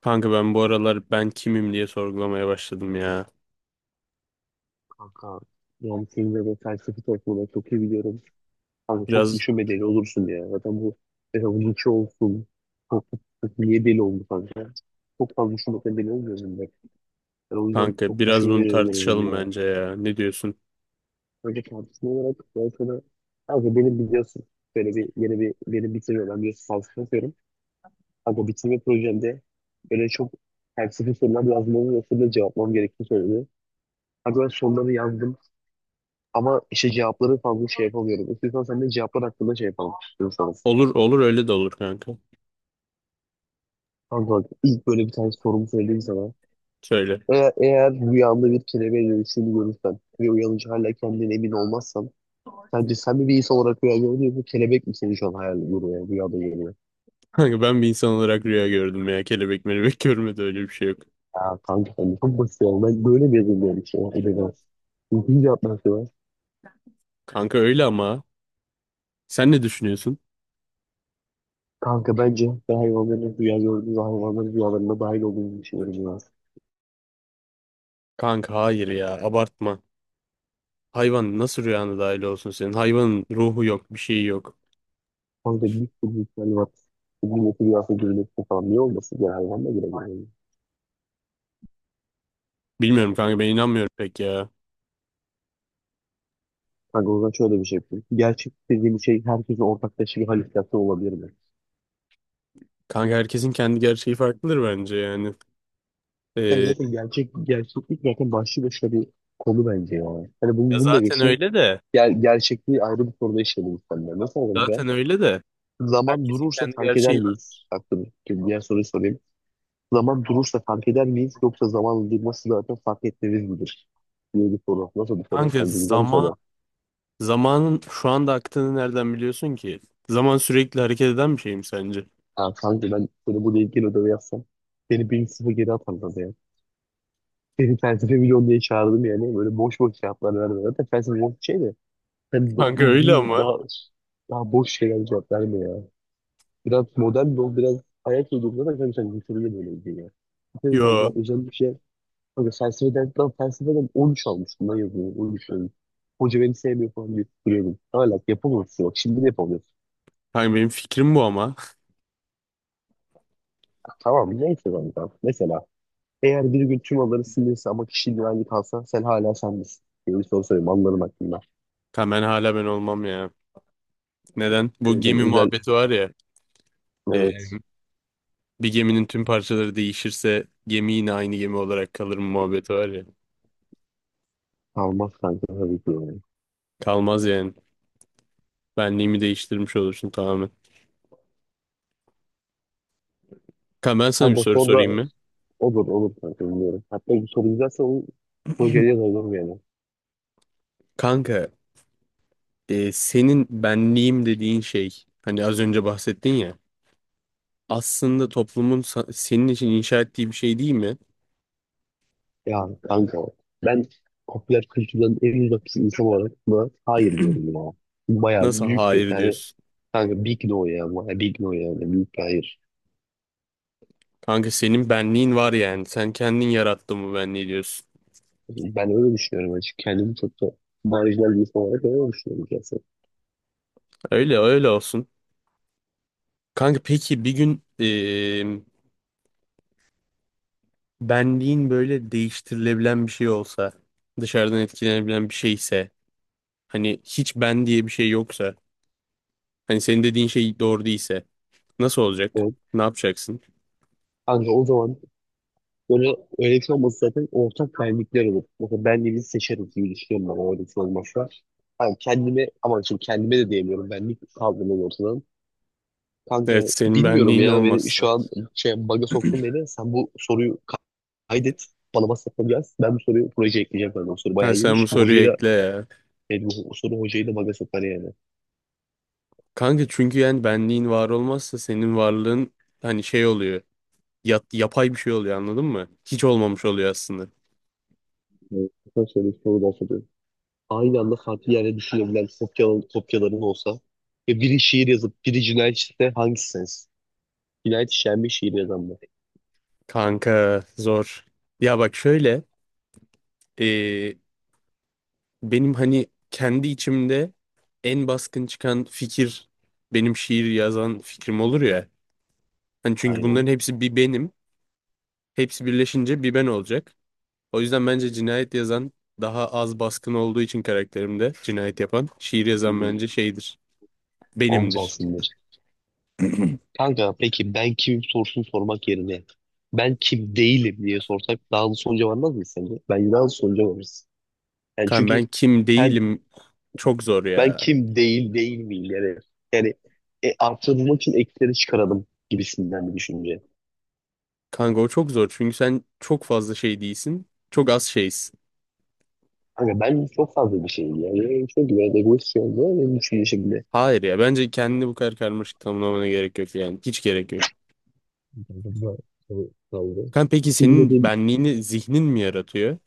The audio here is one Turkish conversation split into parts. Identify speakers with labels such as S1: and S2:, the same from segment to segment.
S1: Kanka ben bu aralar ben kimim diye sorgulamaya başladım ya.
S2: Kanka yani senin de bu felsefi topluluğunu çok iyi biliyorum. Kanka çok
S1: Biraz
S2: düşünmeden olursun ya. Zaten bu mesela bunun içi olsun. Çok, çok, çok niye deli oldu kanka? Çok fazla düşünmekten deli olmuyorum ben. Ben o yüzden
S1: Kanka
S2: çok
S1: biraz bunu
S2: düşünmeden oluyorum
S1: tartışalım
S2: ya.
S1: bence ya. Ne diyorsun?
S2: Önce tartışma olarak ben sana kanka benim biliyorsun böyle bir yeni bir benim bitirme ben biliyorsun felsefe yapıyorum. Kanka bitirme projemde böyle çok felsefi sorular yazmamı ve soruları cevaplamam gerektiğini söyledi. Kanka ben soruları yazdım. Ama işte cevapları fazla şey yapamıyorum. İstiyorsan sen de cevaplar hakkında şey yapalım istiyorsan.
S1: Olur olur öyle de olur kanka.
S2: Kanka bak ilk böyle bir tane sorumu söyleyeyim sana.
S1: Söyle.
S2: Eğer rüyanda bir kelebeğe dönüştüğünü görürsen ve uyanınca hala kendine emin olmazsan sence sen mi bir insan olarak rüya gördün yoksa kelebek mi seni şu an hayal görüyor, rüyada görüyor?
S1: Kanka ben bir insan olarak rüya gördüm ya. Kelebek melebek görmedi, öyle bir şey yok.
S2: Ya kanka sen de çok basit ya. Ben böyle mi yazılmıyorum işte? Hadi be. İkinci cevap nasıl var?
S1: Kanka öyle ama sen ne düşünüyorsun?
S2: Kanka bence ben hayvanların rüya gördüğü ve hayvanların rüyalarına dahil olduğunu düşünüyorum ya.
S1: Kanka hayır ya, abartma. Hayvan nasıl rüyana dahil olsun senin? Hayvanın ruhu yok, bir şeyi yok.
S2: Kanka büyük bir ihtimal var. Milleti bir hafta görülmesi falan. Niye olmasın? Genel anlamda girebilir. Yani.
S1: Bilmiyorum kanka, ben inanmıyorum pek ya.
S2: Kanka o zaman şöyle bir şey yapayım. Gerçek dediğim şey herkesin ortaklaşa bir halüsinasyon olabilir mi?
S1: Kanka herkesin kendi gerçeği farklıdır bence yani.
S2: Yani
S1: Ee,
S2: zaten gerçek, gerçeklik zaten başlı başına bir konu bence yani. Hani
S1: ya
S2: bunu da
S1: zaten
S2: geçeyim.
S1: öyle de.
S2: Gerçekliği ayrı bir soruda işleyelim seninle. Nasıl olacak?
S1: Zaten öyle de.
S2: Zaman
S1: Herkesin
S2: durursa
S1: kendi
S2: fark eder
S1: gerçeği var.
S2: miyiz? Aklım. Şimdi diğer soruyu sorayım. Zaman durursa fark eder miyiz? Yoksa zamanla durması zaten fark etmemiz midir? Diye bir soru. Nasıl bir soru?
S1: Kanka
S2: Sen de güzel bir
S1: zaman,
S2: soru.
S1: zamanın şu anda aktığını nereden biliyorsun ki? Zaman sürekli hareket eden bir şey mi sence?
S2: Ha, kanka ben böyle bu ilgili ödevi yapsam beni 1-0 geri atarlardı ya. Beni felsefe milyon diye çağırdım yani. Böyle boş boş cevaplar vermiyor. Zaten felsefe boş bir şey de.
S1: Kanka öyle
S2: Uzun,
S1: ama.
S2: daha, daha boş şeyler cevap verme ya. Biraz modern de ol, biraz hayat uydurma da kanka sen götürüyor böyle bir ya. Senin kanka
S1: Yo.
S2: özel bir şey. Kanka felsefeden, ben felsefeden 13 almıştım lan yazıyorum. 13 almıştım. Hoca beni sevmiyor falan diye tutturuyordum. Hala yapamıyorsun. Bak şimdi de yapamıyorsun.
S1: Kanka benim fikrim bu ama.
S2: Tamam neyse kanka. Mesela eğer bir gün tüm aları silinirse ama kişi güvenli kalsa sen hala sen misin? Diye bir soru soruyorum anılarım hakkında.
S1: Kanka ben hala ben olmam ya. Neden?
S2: O
S1: Bu
S2: yüzden
S1: gemi
S2: özel
S1: muhabbeti var ya. e,
S2: evet
S1: Bir geminin tüm parçaları değişirse gemi yine aynı gemi olarak kalır mı muhabbeti var ya.
S2: kalmaz kanka tabii ki yani.
S1: Kalmaz yani. Benliğimi değiştirmiş olursun tamamen. Kanka ben sana bir
S2: Kanka
S1: soru sorayım
S2: sonra
S1: mı?
S2: olur olur kanka bilmiyorum. Hatta bu soru güzelse onu projeye yazalım yani.
S1: Kanka senin benliğim dediğin şey, hani az önce bahsettin ya, aslında toplumun senin için inşa ettiği bir şey değil mi?
S2: Ya kanka ben popüler kültürden en uzak bir insan olarak buna hayır diyorum ya. Bu bayağı
S1: Nasıl
S2: büyük bir
S1: hayır
S2: yani
S1: diyorsun?
S2: kanka big no ya, bayağı big no yani büyük bir hayır.
S1: Kanka senin benliğin var yani. Sen kendin yarattın bu benliği diyorsun.
S2: Ben öyle düşünüyorum açık, kendimi çok da marjinal bir insan olarak öyle düşünüyorum gerçekten.
S1: Öyle öyle olsun. Kanka peki bir gün benliğin böyle değiştirilebilen bir şey olsa, dışarıdan etkilenebilen bir şeyse, hani hiç ben diye bir şey yoksa, hani senin dediğin şey doğru değilse nasıl olacak? Ne yapacaksın?
S2: Kanka o zaman böyle öğretmen olması zaten ortak benlikler olur. Mesela benliğini seçeriz diye düşünüyorum ben o öğretmen olmazsa. Hani kendime ama şimdi kendime de diyemiyorum, benlik kaldırmam ortadan. Kanka
S1: Evet, senin
S2: bilmiyorum
S1: benliğin
S2: ya, beni şu
S1: olmazsa.
S2: an şey baga soktun beni. Sen bu soruyu kaydet. Bana WhatsApp'a yaz. Ben bu soruyu projeye ekleyeceğim ben. O soru bayağı
S1: Ha, sen bu
S2: iyiymiş. Bu
S1: soruyu
S2: hocayı da
S1: ekle ya.
S2: yani bu soru hocayı da baga sokar yani.
S1: Kanka çünkü yani benliğin var olmazsa senin varlığın hani şey oluyor. Yapay bir şey oluyor, anladın mı? Hiç olmamış oluyor aslında.
S2: Evet, ben şöyle bir soru daha soruyorum. Aynı anda farklı yerde düşünebilen kopyaların olsa ve biri şiir yazıp biri cinayet işlese hangisi sensin? Cinayet işlenmiş şiir yazan bu.
S1: Kanka zor. Ya bak şöyle. e, Benim hani kendi içimde en baskın çıkan fikir benim şiir yazan fikrim olur ya. Hani çünkü
S2: Aynen.
S1: bunların hepsi bir benim. Hepsi birleşince bir ben olacak. O yüzden bence cinayet yazan daha az baskın olduğu için karakterimde, cinayet yapan şiir yazan
S2: Hmm,
S1: bence şeydir.
S2: omuz
S1: Benimdir.
S2: alsınlar. Kanka peki ben kim sorusunu sormak yerine ben kim değilim diye sorsak daha hızlı sonuca varmaz mıyız sence? Bence daha hızlı sonuca varırız. Yani
S1: Kan
S2: çünkü
S1: ben kim
S2: ben,
S1: değilim, çok zor
S2: ben
S1: ya.
S2: kim değil miyim yani. Yani artırmak için eksileri çıkaralım gibisinden bir düşünce.
S1: Kanka o çok zor çünkü sen çok fazla şey değilsin. Çok az şeysin.
S2: Kanka ben çok fazla bir şeyim yani. Yani çok güzel egoist bir şey oldu benim düşünce şimdi.
S1: Hayır ya, bence kendini bu kadar karmaşık tanımlamana gerek yok yani. Hiç gerek yok. Kan peki senin
S2: Bilmediğim.
S1: benliğini zihnin mi yaratıyor?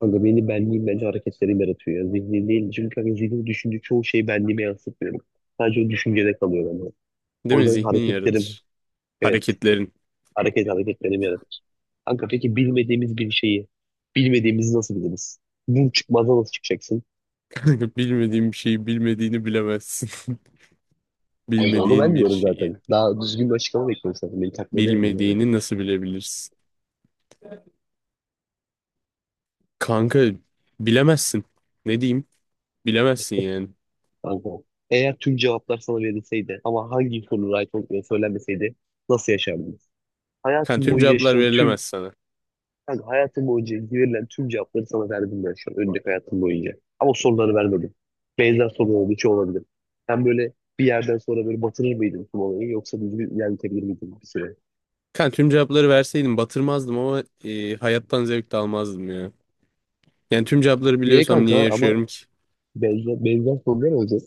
S2: Kanka beni benliğim bence hareketlerim yaratıyor ya. Zihnim değil. Çünkü kanka zihnim düşündüğü çoğu şeyi benliğime yansıtmıyorum. Sadece o düşüncede kalıyor bende.
S1: Değil
S2: O
S1: mi?
S2: yüzden
S1: Zihnin
S2: hareketlerim,
S1: yaratır.
S2: evet,
S1: Hareketlerin.
S2: hareketlerim yaratır. Kanka peki bilmediğimiz bir şeyi, bilmediğimizi nasıl biliriz? Bu çıkmazdan nasıl çıkacaksın?
S1: Kanka bilmediğin bir şeyi bilmediğini bilemezsin.
S2: Kanka onu
S1: Bilmediğin
S2: ben
S1: bir
S2: diyorum
S1: şeyi
S2: zaten. Daha düzgün bir açıklama bekliyorum zaten. Beni takma derim yani.
S1: bilmediğini nasıl bilebilirsin? Kanka bilemezsin. Ne diyeyim? Bilemezsin yani.
S2: Kanka eğer tüm cevaplar sana verilseydi ama hangi soru right olup söylenmeseydi nasıl yaşardınız?
S1: Kanka
S2: Hayatın
S1: tüm
S2: boyu
S1: cevaplar
S2: yaşayan tüm.
S1: verilemez sana.
S2: Kanka hayatım boyunca verilen tüm cevapları sana verdim ben şu an. Önceki hayatım boyunca. Ama soruları vermedim. Benzer soru olduğu için olabilir. Sen böyle bir yerden sonra böyle batırır mıydın tüm olayı yoksa düzgün ilerletebilir miydin bir süre?
S1: Kanka tüm cevapları verseydim batırmazdım ama hayattan zevk de almazdım ya. Yani tüm cevapları
S2: Niye
S1: biliyorsam
S2: kanka
S1: niye
S2: ama
S1: yaşıyorum ki?
S2: benzer sorular olacak.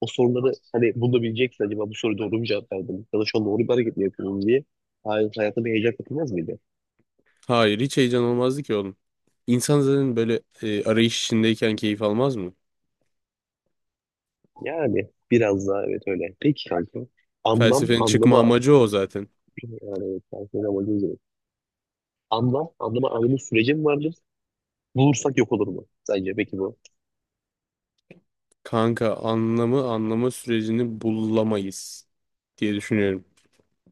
S2: O soruları hani bunu da bileceksin, acaba bu soru doğru mu cevap verdim? Ya da şu an doğru bir hareket mi yapıyorum diye. Hayır, hayata bir heyecan katılmaz mıydı?
S1: Hayır, hiç heyecan olmazdı ki oğlum. İnsan zaten böyle arayış içindeyken keyif almaz mı?
S2: Yani biraz daha evet öyle. Peki kanka.
S1: Felsefenin çıkma
S2: Anlama
S1: amacı o zaten.
S2: yani ben söyle amacım üzere. Anlama anlamı süreci mi vardır? Bulursak yok olur mu? Sence peki bu.
S1: Kanka anlamı anlama sürecini bulamayız diye düşünüyorum.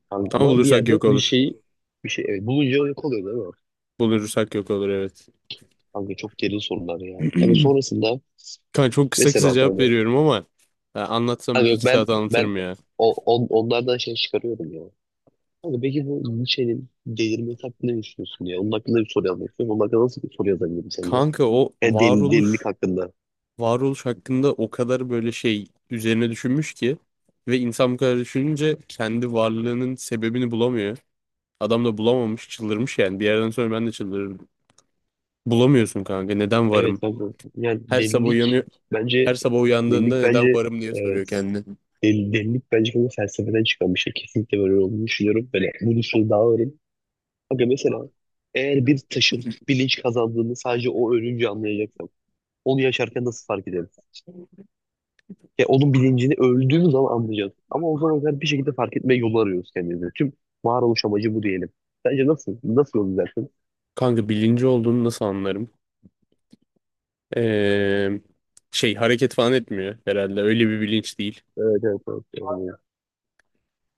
S2: Kanka
S1: Ama
S2: ama bir
S1: bulursak
S2: yerde
S1: yok
S2: bir
S1: olur.
S2: şeyi bir şey, evet, bulunca yok oluyor değil mi?
S1: Bulursak yok olur, evet.
S2: Kanka çok derin sorular yani. Hani sonrasında
S1: Kanka çok kısa kısa
S2: mesela
S1: cevap
S2: kanka,
S1: veriyorum ama ya anlatsam
S2: kanka yok
S1: iki
S2: ben
S1: saat
S2: ben
S1: anlatırım ya.
S2: onlardan şey çıkarıyorum ya. Kanka peki bu Nietzsche'nin delirmesi hakkında ne düşünüyorsun ya? Onun hakkında bir soru yazmak istiyorum. Onun hakkında nasıl bir soru yazabilirim sence?
S1: Kanka o
S2: Yani deli, delilik
S1: varoluş,
S2: hakkında.
S1: varoluş hakkında o kadar böyle şey üzerine düşünmüş ki ve insan bu kadar düşününce kendi varlığının sebebini bulamıyor. Adam da bulamamış, çıldırmış yani. Bir yerden sonra ben de çıldırırım. Bulamıyorsun kanka, neden
S2: Evet
S1: varım?
S2: kanka. Yani
S1: Her sabah uyanıyor,
S2: bence
S1: her sabah uyandığında
S2: delilik
S1: neden
S2: bence
S1: varım diye soruyor kendine.
S2: Delilik bence böyle felsefeden çıkan bir şey. Kesinlikle böyle olduğunu düşünüyorum. Böyle bunu şöyle daha öğrenin. Aga mesela eğer bir taşın bilinç kazandığını sadece o ölünce anlayacaksam onu yaşarken nasıl fark ederiz? Ya onun bilincini öldüğümüz zaman anlayacağız. Ama o zaman kadar bir şekilde fark etme yolu arıyoruz kendimize. Tüm varoluş amacı bu diyelim. Sence nasıl? Nasıl yol izlersin?
S1: Kanka bilinci olduğunu nasıl anlarım? Ee, şey hareket falan etmiyor herhalde. Öyle bir bilinç değil.
S2: Evet, evet, evet.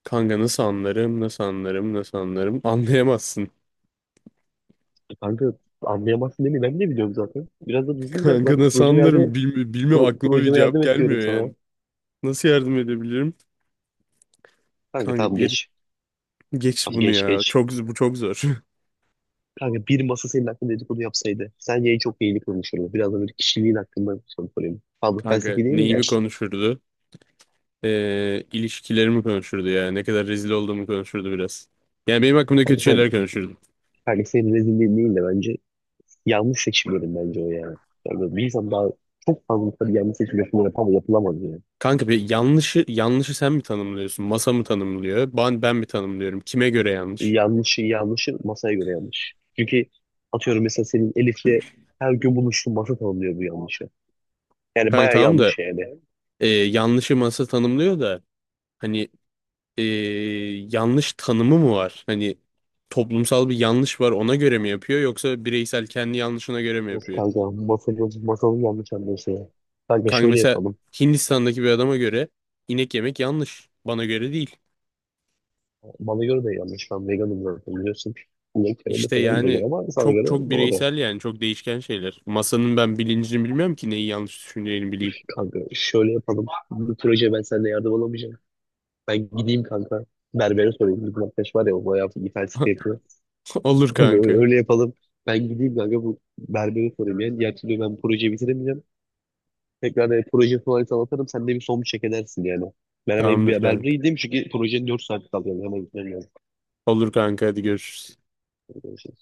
S1: Kanka nasıl anlarım, nasıl anlarım, nasıl anlarım? Anlayamazsın.
S2: Kanka anlayamazsın değil mi? Ben de biliyorum zaten. Biraz da düzgün cevap ver.
S1: Kanka nasıl
S2: Projeme
S1: anlarım?
S2: yardım,
S1: Bilmiyorum, aklıma bir
S2: projeme
S1: cevap
S2: yardım
S1: gelmiyor
S2: ediyorum sana.
S1: yani. Nasıl yardım edebilirim?
S2: Kanka
S1: Kanka
S2: tamam
S1: bir,
S2: geç.
S1: geç
S2: Tamam
S1: bunu
S2: geç
S1: ya.
S2: geç.
S1: Çok, bu çok zor.
S2: Kanka bir masa senin hakkında dedikodu yapsaydı sence en çok neyi konuşurdu? Biraz da böyle kişiliğin hakkında soru sorayım. Fazla
S1: Kanka
S2: felsefi değil de
S1: neyimi konuşurdu? İlişkilerimi konuşurdu ya. Ne kadar rezil olduğumu konuşurdu biraz. Yani benim hakkımda kötü
S2: hani
S1: şeyler
S2: ben
S1: konuşurdu.
S2: kardeşlerin rezilliği değil de bence yanlış seçimlerim bence o yani. Yani böyle bir insan daha çok fazla tabii yanlış seçim yapımı yapamaz, yapılamaz yani.
S1: Kanka bir yanlışı sen mi tanımlıyorsun? Masa mı tanımlıyor? Ben mi tanımlıyorum? Kime göre yanlış?
S2: Yanlışı masaya göre yanlış. Çünkü atıyorum mesela senin Elif'le her gün buluştuğun masa tanımlıyor bu yanlışı. Yani
S1: Kanka
S2: bayağı
S1: tamam da
S2: yanlış yani.
S1: yanlışı masa tanımlıyor da. Hani e, yanlış tanımı mı var? Hani toplumsal bir yanlış var, ona göre mi yapıyor yoksa bireysel kendi yanlışına göre mi
S2: Yok
S1: yapıyor?
S2: kanka masanın yanlış anlıyorsun ya. Kanka
S1: Kanka
S2: şöyle
S1: mesela
S2: yapalım.
S1: Hindistan'daki bir adama göre inek yemek yanlış. Bana göre değil.
S2: Bana göre de yanlış. Ben veganım zaten biliyorsun. İnek göre de
S1: İşte
S2: falan da
S1: yani
S2: göre ama sana
S1: çok
S2: göre
S1: çok
S2: doğru.
S1: bireysel yani, çok değişken şeyler. Masanın ben bilincini bilmiyorum ki neyi yanlış düşüneceğini bileyim.
S2: Kanka şöyle yapalım. Bu proje ben seninle yardım alamayacağım. Ben gideyim kanka. Berbere sorayım. Bizim arkadaş var ya o bayağı ithal site yapıyor.
S1: Olur
S2: Böyle-
S1: kanka.
S2: öyle yapalım. Ben gideyim kanka bu berbere sorayım. Yani diğer türlü ben projeyi bitiremeyeceğim. Tekrar proje tuvaleti anlatırım. Sen de bir son bir çek edersin yani. Ben hemen bir
S1: Tamamdır
S2: berbere
S1: kanka.
S2: gideyim çünkü projenin 4 saat kaldı. Yani hemen gitmem
S1: Olur kanka, hadi görüşürüz.
S2: lazım.